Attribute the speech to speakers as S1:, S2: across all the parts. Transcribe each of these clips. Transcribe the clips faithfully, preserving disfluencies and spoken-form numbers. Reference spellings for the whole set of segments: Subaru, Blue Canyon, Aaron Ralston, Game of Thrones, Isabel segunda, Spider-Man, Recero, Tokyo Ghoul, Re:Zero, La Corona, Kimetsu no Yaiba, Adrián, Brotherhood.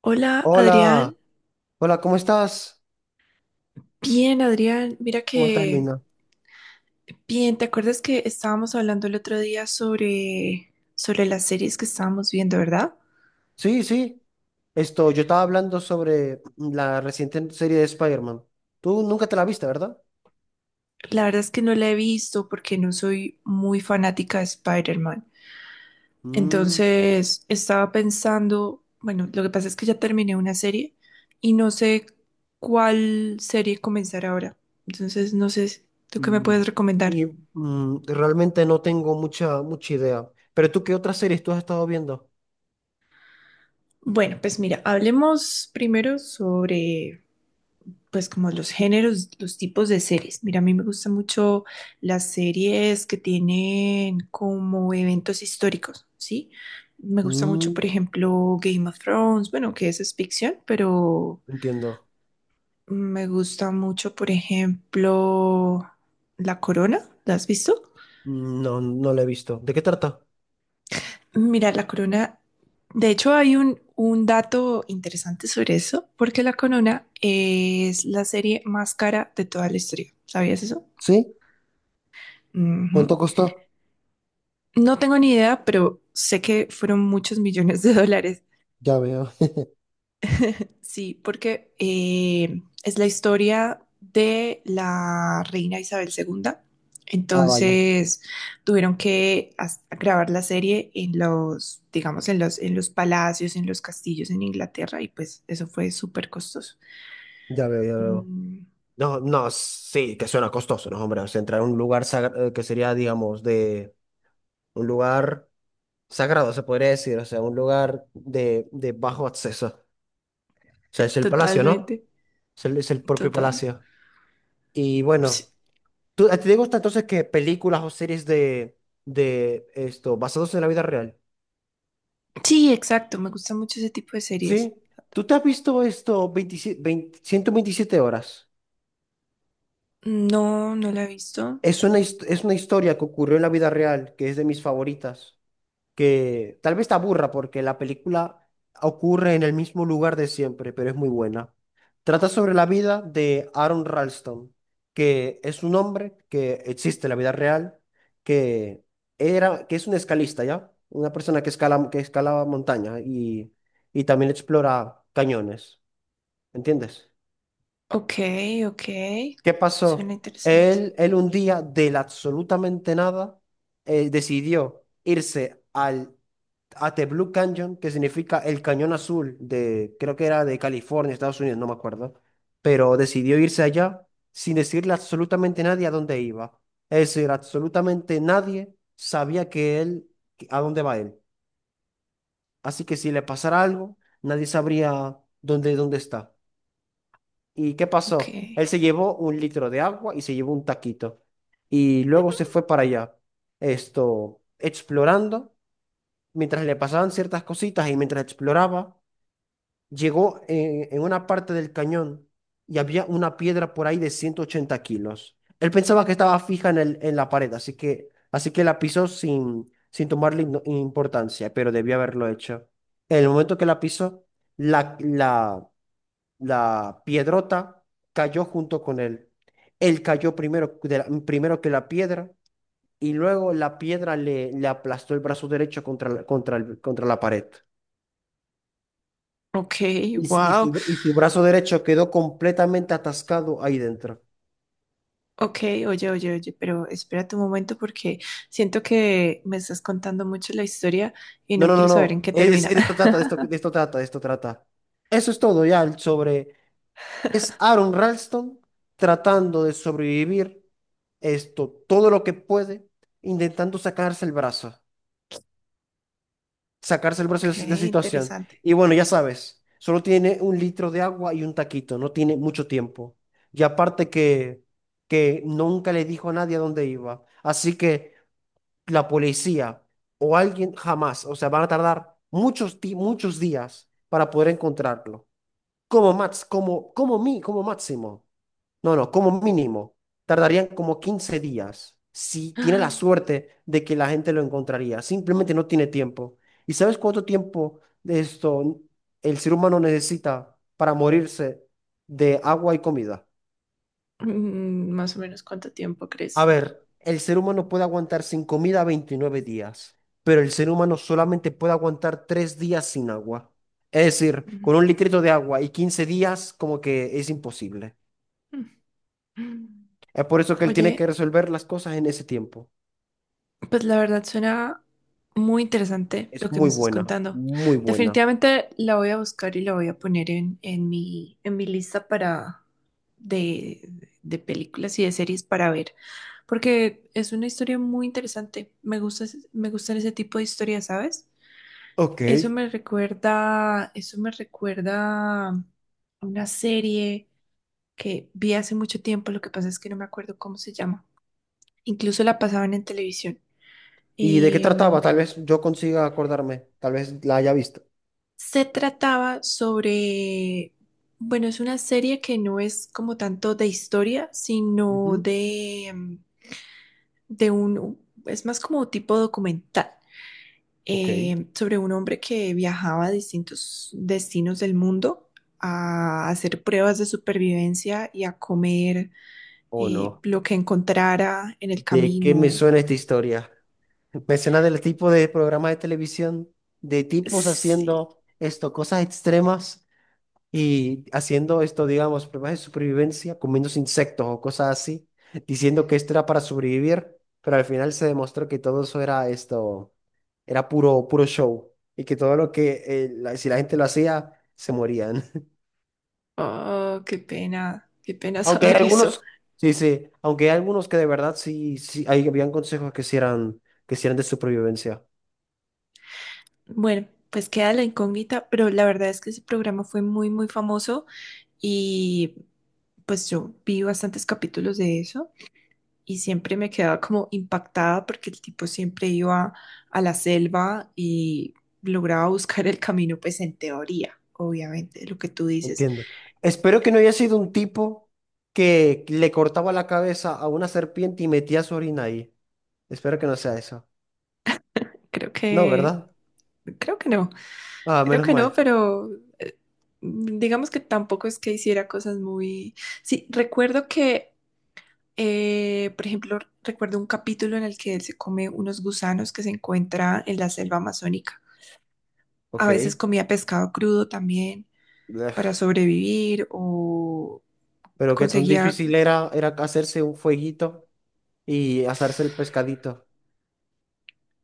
S1: Hola, Adrián.
S2: Hola, hola, ¿cómo estás?
S1: Bien, Adrián. Mira
S2: ¿Cómo estás,
S1: que
S2: Lina?
S1: bien, ¿te acuerdas que estábamos hablando el otro día sobre sobre las series que estábamos viendo, ¿verdad?
S2: Sí, sí, esto, yo estaba hablando sobre la reciente serie de Spider-Man. Tú nunca te la viste, ¿verdad?
S1: La verdad es que no la he visto porque no soy muy fanática de Spider-Man.
S2: Mm,
S1: Entonces, estaba pensando, bueno, lo que pasa es que ya terminé una serie y no sé cuál serie comenzar ahora. Entonces, no sé, ¿tú qué me
S2: mm.
S1: puedes recomendar?
S2: Y mm, realmente no tengo mucha, mucha idea. Pero tú, ¿qué otras series tú has estado viendo?
S1: Bueno, pues mira, hablemos primero sobre pues como los géneros, los tipos de series. Mira, a mí me gustan mucho las series que tienen como eventos históricos, ¿sí? Me gusta mucho,
S2: Mm,
S1: por ejemplo, Game of Thrones, bueno, que eso es ficción, pero
S2: entiendo.
S1: me gusta mucho, por ejemplo, La Corona, ¿la has visto?
S2: Mm. No, no la he visto. ¿De qué trata?
S1: Mira, La Corona, de hecho hay un, un dato interesante sobre eso, porque La Corona es la serie más cara de toda la historia. ¿Sabías eso?
S2: ¿Sí?
S1: Ujú.
S2: ¿Cuánto costó?
S1: No tengo ni idea, pero sé que fueron muchos millones de dólares.
S2: Ya veo.
S1: Sí, porque eh, es la historia de la reina Isabel segunda.
S2: Ah, vaya.
S1: Entonces tuvieron que as- grabar la serie en los, digamos, en los, en los palacios, en los castillos en Inglaterra y pues eso fue súper costoso.
S2: Ya veo, ya veo.
S1: Mm,
S2: No, no, sí, que suena costoso, ¿no, hombre? O sea, entrar a un lugar sagra- eh, que sería, digamos, de un lugar sagrado, se podría decir, o sea, un lugar de, de bajo acceso. O sea, es el palacio, ¿no?
S1: totalmente,
S2: Es el, es el propio
S1: total.
S2: palacio. Y
S1: Sí,
S2: bueno, ¿tú, a ti te gusta entonces que películas o series de, de esto, basados en la vida real?
S1: sí, exacto, me gusta mucho ese tipo de series.
S2: ¿Sí? ¿Tú te has visto esto veintisiete, ciento veintisiete horas?
S1: No, no la he visto.
S2: Es una, hist- es una historia que ocurrió en la vida real, que es de mis favoritas. Que tal vez te aburra porque la película ocurre en el mismo lugar de siempre, pero es muy buena. Trata sobre la vida de Aaron Ralston, que es un hombre que existe en la vida real, que era, que es un escalista, ¿ya? Una persona que escala, que escala montaña y, y también explora cañones, ¿entiendes?
S1: Ok, ok.
S2: ¿Qué
S1: Suena
S2: pasó?
S1: interesante.
S2: Él, él un día del absolutamente nada eh, decidió irse al At the Blue Canyon, que significa el cañón azul de, creo que era de California, Estados Unidos, no me acuerdo, pero decidió irse allá sin decirle absolutamente a nadie a dónde iba. Es decir, absolutamente nadie sabía que él, que- a dónde va él. Así que si le pasara algo, nadie sabría dónde, dónde está. ¿Y qué pasó?
S1: Ok.
S2: Él se llevó un litro de agua y se llevó un taquito. Y luego se fue para allá, esto, explorando, mientras le pasaban ciertas cositas y mientras exploraba llegó en, en una parte del cañón y había una piedra por ahí de ciento ochenta kilos. Él pensaba que estaba fija en el, en la pared, así que, así que la pisó sin, sin tomarle ino- importancia, pero debió haberlo hecho. En el momento que la pisó, la, la, la piedrota cayó junto con él. Él cayó primero, de la- primero que la piedra y luego la piedra le, le aplastó el brazo derecho contra, la- contra, el- contra la pared.
S1: Ok,
S2: Y, s- y
S1: wow.
S2: su, y su brazo derecho quedó completamente atascado ahí dentro.
S1: Ok, oye, oye, oye, pero espérate un momento porque siento que me estás contando mucho la historia y
S2: No,
S1: no
S2: no, no,
S1: quiero
S2: no.
S1: saber en qué
S2: e, Es,
S1: termina.
S2: es- de esto trata, de esto, de esto trata, de esto trata. Eso es todo ya sobre. Es Aaron Ralston tratando de sobrevivir esto, todo lo que puede, intentando sacarse el brazo, sacarse el brazo
S1: Ok,
S2: de esa situación.
S1: interesante.
S2: Y bueno, ya sabes, solo tiene un litro de agua y un taquito, no tiene mucho tiempo. Y aparte que, que nunca le dijo a nadie a dónde iba. Así que la policía o alguien jamás, o sea, van a tardar muchos, di- muchos días para poder encontrarlo. Como max, como, como mi, como máximo. No, no, como mínimo. Tardarían como quince días si tiene la suerte de que la gente lo encontraría. Simplemente no tiene tiempo. ¿Y sabes cuánto tiempo de esto el ser humano necesita para morirse de agua y comida?
S1: Ah, mm, Más o menos cuánto tiempo crees
S2: A
S1: tú.
S2: ver, el ser humano puede aguantar sin comida veintinueve días, pero el ser humano solamente puede aguantar tres días sin agua. Es decir,
S1: Mm,
S2: con un litrito de agua y quince días, como que es imposible.
S1: mm.
S2: Es por eso que él tiene que
S1: Oye,
S2: resolver las cosas en ese tiempo.
S1: pues la verdad suena muy interesante lo
S2: Es
S1: que me
S2: muy
S1: estás
S2: buena,
S1: contando.
S2: muy buena.
S1: Definitivamente la voy a buscar y la voy a poner en, en mi, en mi lista para de, de películas y de series para ver, porque es una historia muy interesante. Me gusta, ese- me gustan ese tipo de historias, ¿sabes?
S2: Ok.
S1: Eso me recuerda, eso me recuerda a una serie que vi hace mucho tiempo, lo que pasa es que no me acuerdo cómo se llama. Incluso la pasaban en televisión.
S2: ¿Y de qué trataba? Tal vez yo consiga acordarme, tal vez la haya visto.
S1: Se trataba sobre, bueno, es una serie que no es como tanto de historia, sino
S2: Ujú.
S1: de, mm, de un, es más como tipo documental,
S2: Ok.
S1: eh, sobre un hombre que viajaba a distintos destinos del mundo a hacer pruebas de supervivencia y a comer
S2: ¿O
S1: eh,
S2: no?
S1: lo que encontrara en el
S2: ¿De qué me
S1: camino.
S2: suena esta historia? Mecenas del tipo de programas de televisión, de tipos
S1: Sí.
S2: haciendo esto, cosas extremas y haciendo esto, digamos, pruebas de supervivencia, comiéndose insectos o cosas así, diciendo que esto era para sobrevivir, pero al final se demostró que todo eso era esto, era puro, puro show y que todo lo que, eh, la- si la gente lo hacía, se morían.
S1: Oh, qué pena, qué pena
S2: Aunque hay
S1: saber eso.
S2: algunos, sí, sí, aunque hay algunos que de verdad sí, sí, hay, habían consejos que sí eran, que sí eran de supervivencia.
S1: Bueno, pues queda la incógnita, pero la verdad es que ese programa fue muy, muy famoso y pues yo vi bastantes capítulos de eso y siempre me quedaba como impactada porque el tipo siempre iba a la selva y lograba buscar el camino, pues en teoría, obviamente, lo que tú dices.
S2: Entiendo. Espero que no haya sido un tipo que le cortaba la cabeza a una serpiente y metía su orina ahí. Espero que no sea eso.
S1: Creo
S2: No,
S1: que,
S2: ¿verdad?
S1: creo que no,
S2: Ah,
S1: creo
S2: menos
S1: que no,
S2: mal.
S1: pero eh, digamos que tampoco es que hiciera cosas muy... Sí, recuerdo que Eh, por ejemplo, recuerdo un capítulo en el que él se come unos gusanos que se encuentra en la selva amazónica. A
S2: Ok.
S1: veces comía pescado crudo también para sobrevivir o
S2: Pero qué tan
S1: conseguía...
S2: difícil era, era hacerse un fueguito y asarse el pescadito.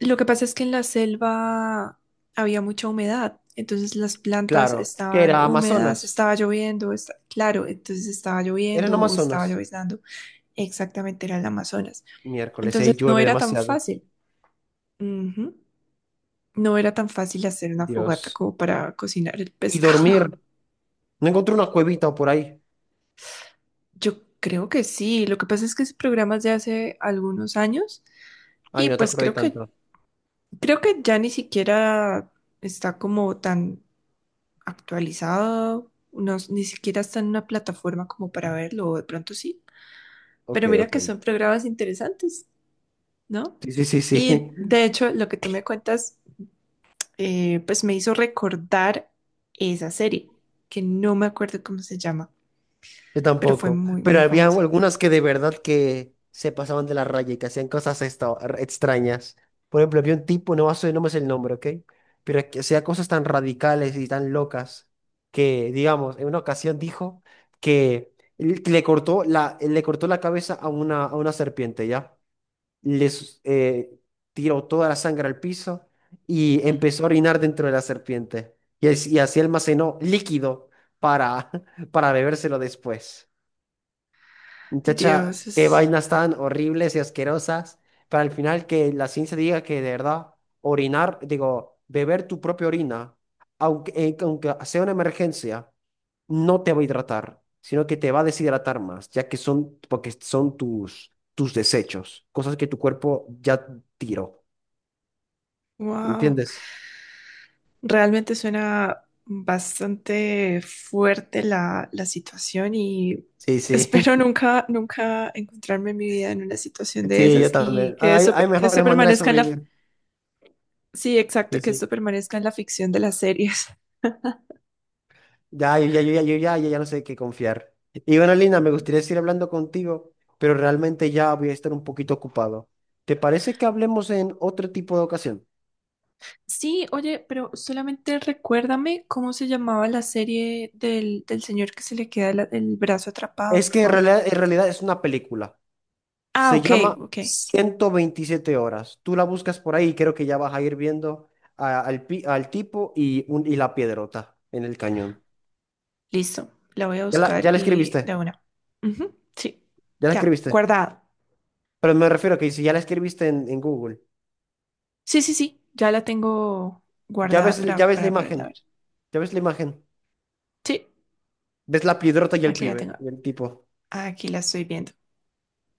S1: Lo que pasa es que en la selva había mucha humedad, entonces las plantas
S2: Claro, que
S1: estaban
S2: era
S1: húmedas,
S2: Amazonas.
S1: estaba lloviendo, esta- claro, entonces estaba
S2: Eran
S1: lloviendo o estaba
S2: Amazonas.
S1: lloviznando. Exactamente era el Amazonas.
S2: Miércoles,
S1: Entonces
S2: ahí
S1: no
S2: llueve
S1: era tan
S2: demasiado.
S1: fácil. Ujú. No era tan fácil hacer una fogata
S2: Dios.
S1: como para cocinar el
S2: Y
S1: pescado.
S2: dormir. No encontré una cuevita o por ahí.
S1: Yo creo que sí. Lo que pasa es que ese programa es de hace algunos años
S2: Ay,
S1: y
S2: no te
S1: pues
S2: acordé
S1: creo que
S2: tanto.
S1: creo que ya ni siquiera está como tan actualizado, no- ni siquiera está en una plataforma como para verlo, o de pronto sí.
S2: Ok,
S1: Pero mira
S2: ok.
S1: que son programas interesantes, ¿no?
S2: Sí, sí, sí,
S1: Y
S2: sí.
S1: de hecho, lo que tú me cuentas, eh, pues me hizo recordar esa serie, que no me acuerdo cómo se llama
S2: Yo
S1: pero fue
S2: tampoco,
S1: muy,
S2: pero
S1: muy
S2: había
S1: famosa.
S2: algunas que de verdad que se pasaban de la raya y que hacían cosas esta- extrañas. Por ejemplo, había un tipo, no, sé- no me sé el nombre, ¿ok? Pero que hacía cosas tan radicales y tan locas que, digamos, en una ocasión dijo que él le cortó la, le cortó la cabeza a una, a una serpiente, ¿ya? Les eh, Tiró toda la sangre al piso y empezó a orinar dentro de la serpiente. Y, así- y así almacenó líquido para, para bebérselo después. Muchacha,
S1: Dios,
S2: qué
S1: es...
S2: vainas tan horribles y asquerosas. Para al final que la ciencia diga que de verdad orinar, digo, beber tu propia orina, aunque, eh, aunque sea una emergencia, no te va a hidratar, sino que te va a deshidratar más, ya que son, porque son tus, tus desechos, cosas que tu cuerpo ya tiró.
S1: Wow.
S2: ¿Entiendes?
S1: Realmente suena bastante fuerte la, la situación y
S2: Sí,
S1: espero
S2: sí.
S1: nunca, nunca encontrarme en mi vida en una situación de
S2: Sí, yo
S1: esas y
S2: también.
S1: que
S2: Hay,
S1: eso,
S2: hay
S1: que eso
S2: mejores maneras de
S1: permanezca en la...
S2: sobrevivir.
S1: Sí, exacto,
S2: Sí,
S1: que eso
S2: sí.
S1: permanezca en la ficción de las series.
S2: Ya, yo ya, yo ya, yo ya, ya, ya no sé qué confiar. Y bueno, Lina, me gustaría seguir hablando contigo, pero realmente ya voy a estar un poquito ocupado. ¿Te parece que hablemos en otro tipo de ocasión?
S1: Sí, oye, pero solamente recuérdame cómo se llamaba la serie del, del señor que se le queda la- el brazo atrapado,
S2: Es
S1: por
S2: que en
S1: favor.
S2: realidad, en realidad es una película.
S1: Ah,
S2: Se
S1: ok,
S2: llama
S1: ok.
S2: Ciento Veintisiete horas. Tú la buscas por ahí y creo que ya vas a ir viendo a- al, pi- al tipo y, un, y la piedrota en el cañón.
S1: Listo, la voy a
S2: Ya la,
S1: buscar
S2: ya la
S1: y de
S2: escribiste,
S1: una. Ujú, sí,
S2: ya la
S1: ya,
S2: escribiste.
S1: guardada.
S2: Pero me refiero a que si ya la escribiste en, en Google,
S1: Sí, sí, sí, ya la tengo
S2: ya
S1: guardada
S2: ves, ya
S1: para,
S2: ves la
S1: para poderla
S2: imagen,
S1: ver.
S2: ya ves la imagen.
S1: Sí,
S2: Ves la piedrota y el
S1: aquí la tengo.
S2: pibe, y el tipo.
S1: Aquí la estoy viendo.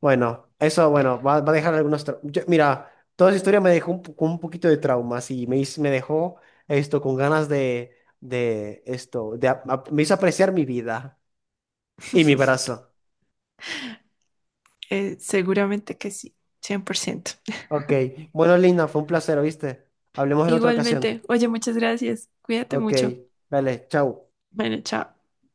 S2: Bueno, eso, bueno, va, va a dejar algunos trau- Yo- mira, toda esa historia me dejó un, po- con un poquito de traumas y me, hiz- me dejó esto con ganas de, de esto, de, ap- ap- me hizo apreciar mi vida y mi brazo.
S1: Eh, seguramente que sí, cien por ciento.
S2: Ok, bueno, Lina, fue un placer, ¿viste? Hablemos en otra ocasión.
S1: Igualmente, oye, muchas gracias. Cuídate
S2: Ok,
S1: mucho.
S2: dale, chao.
S1: Bueno, chao.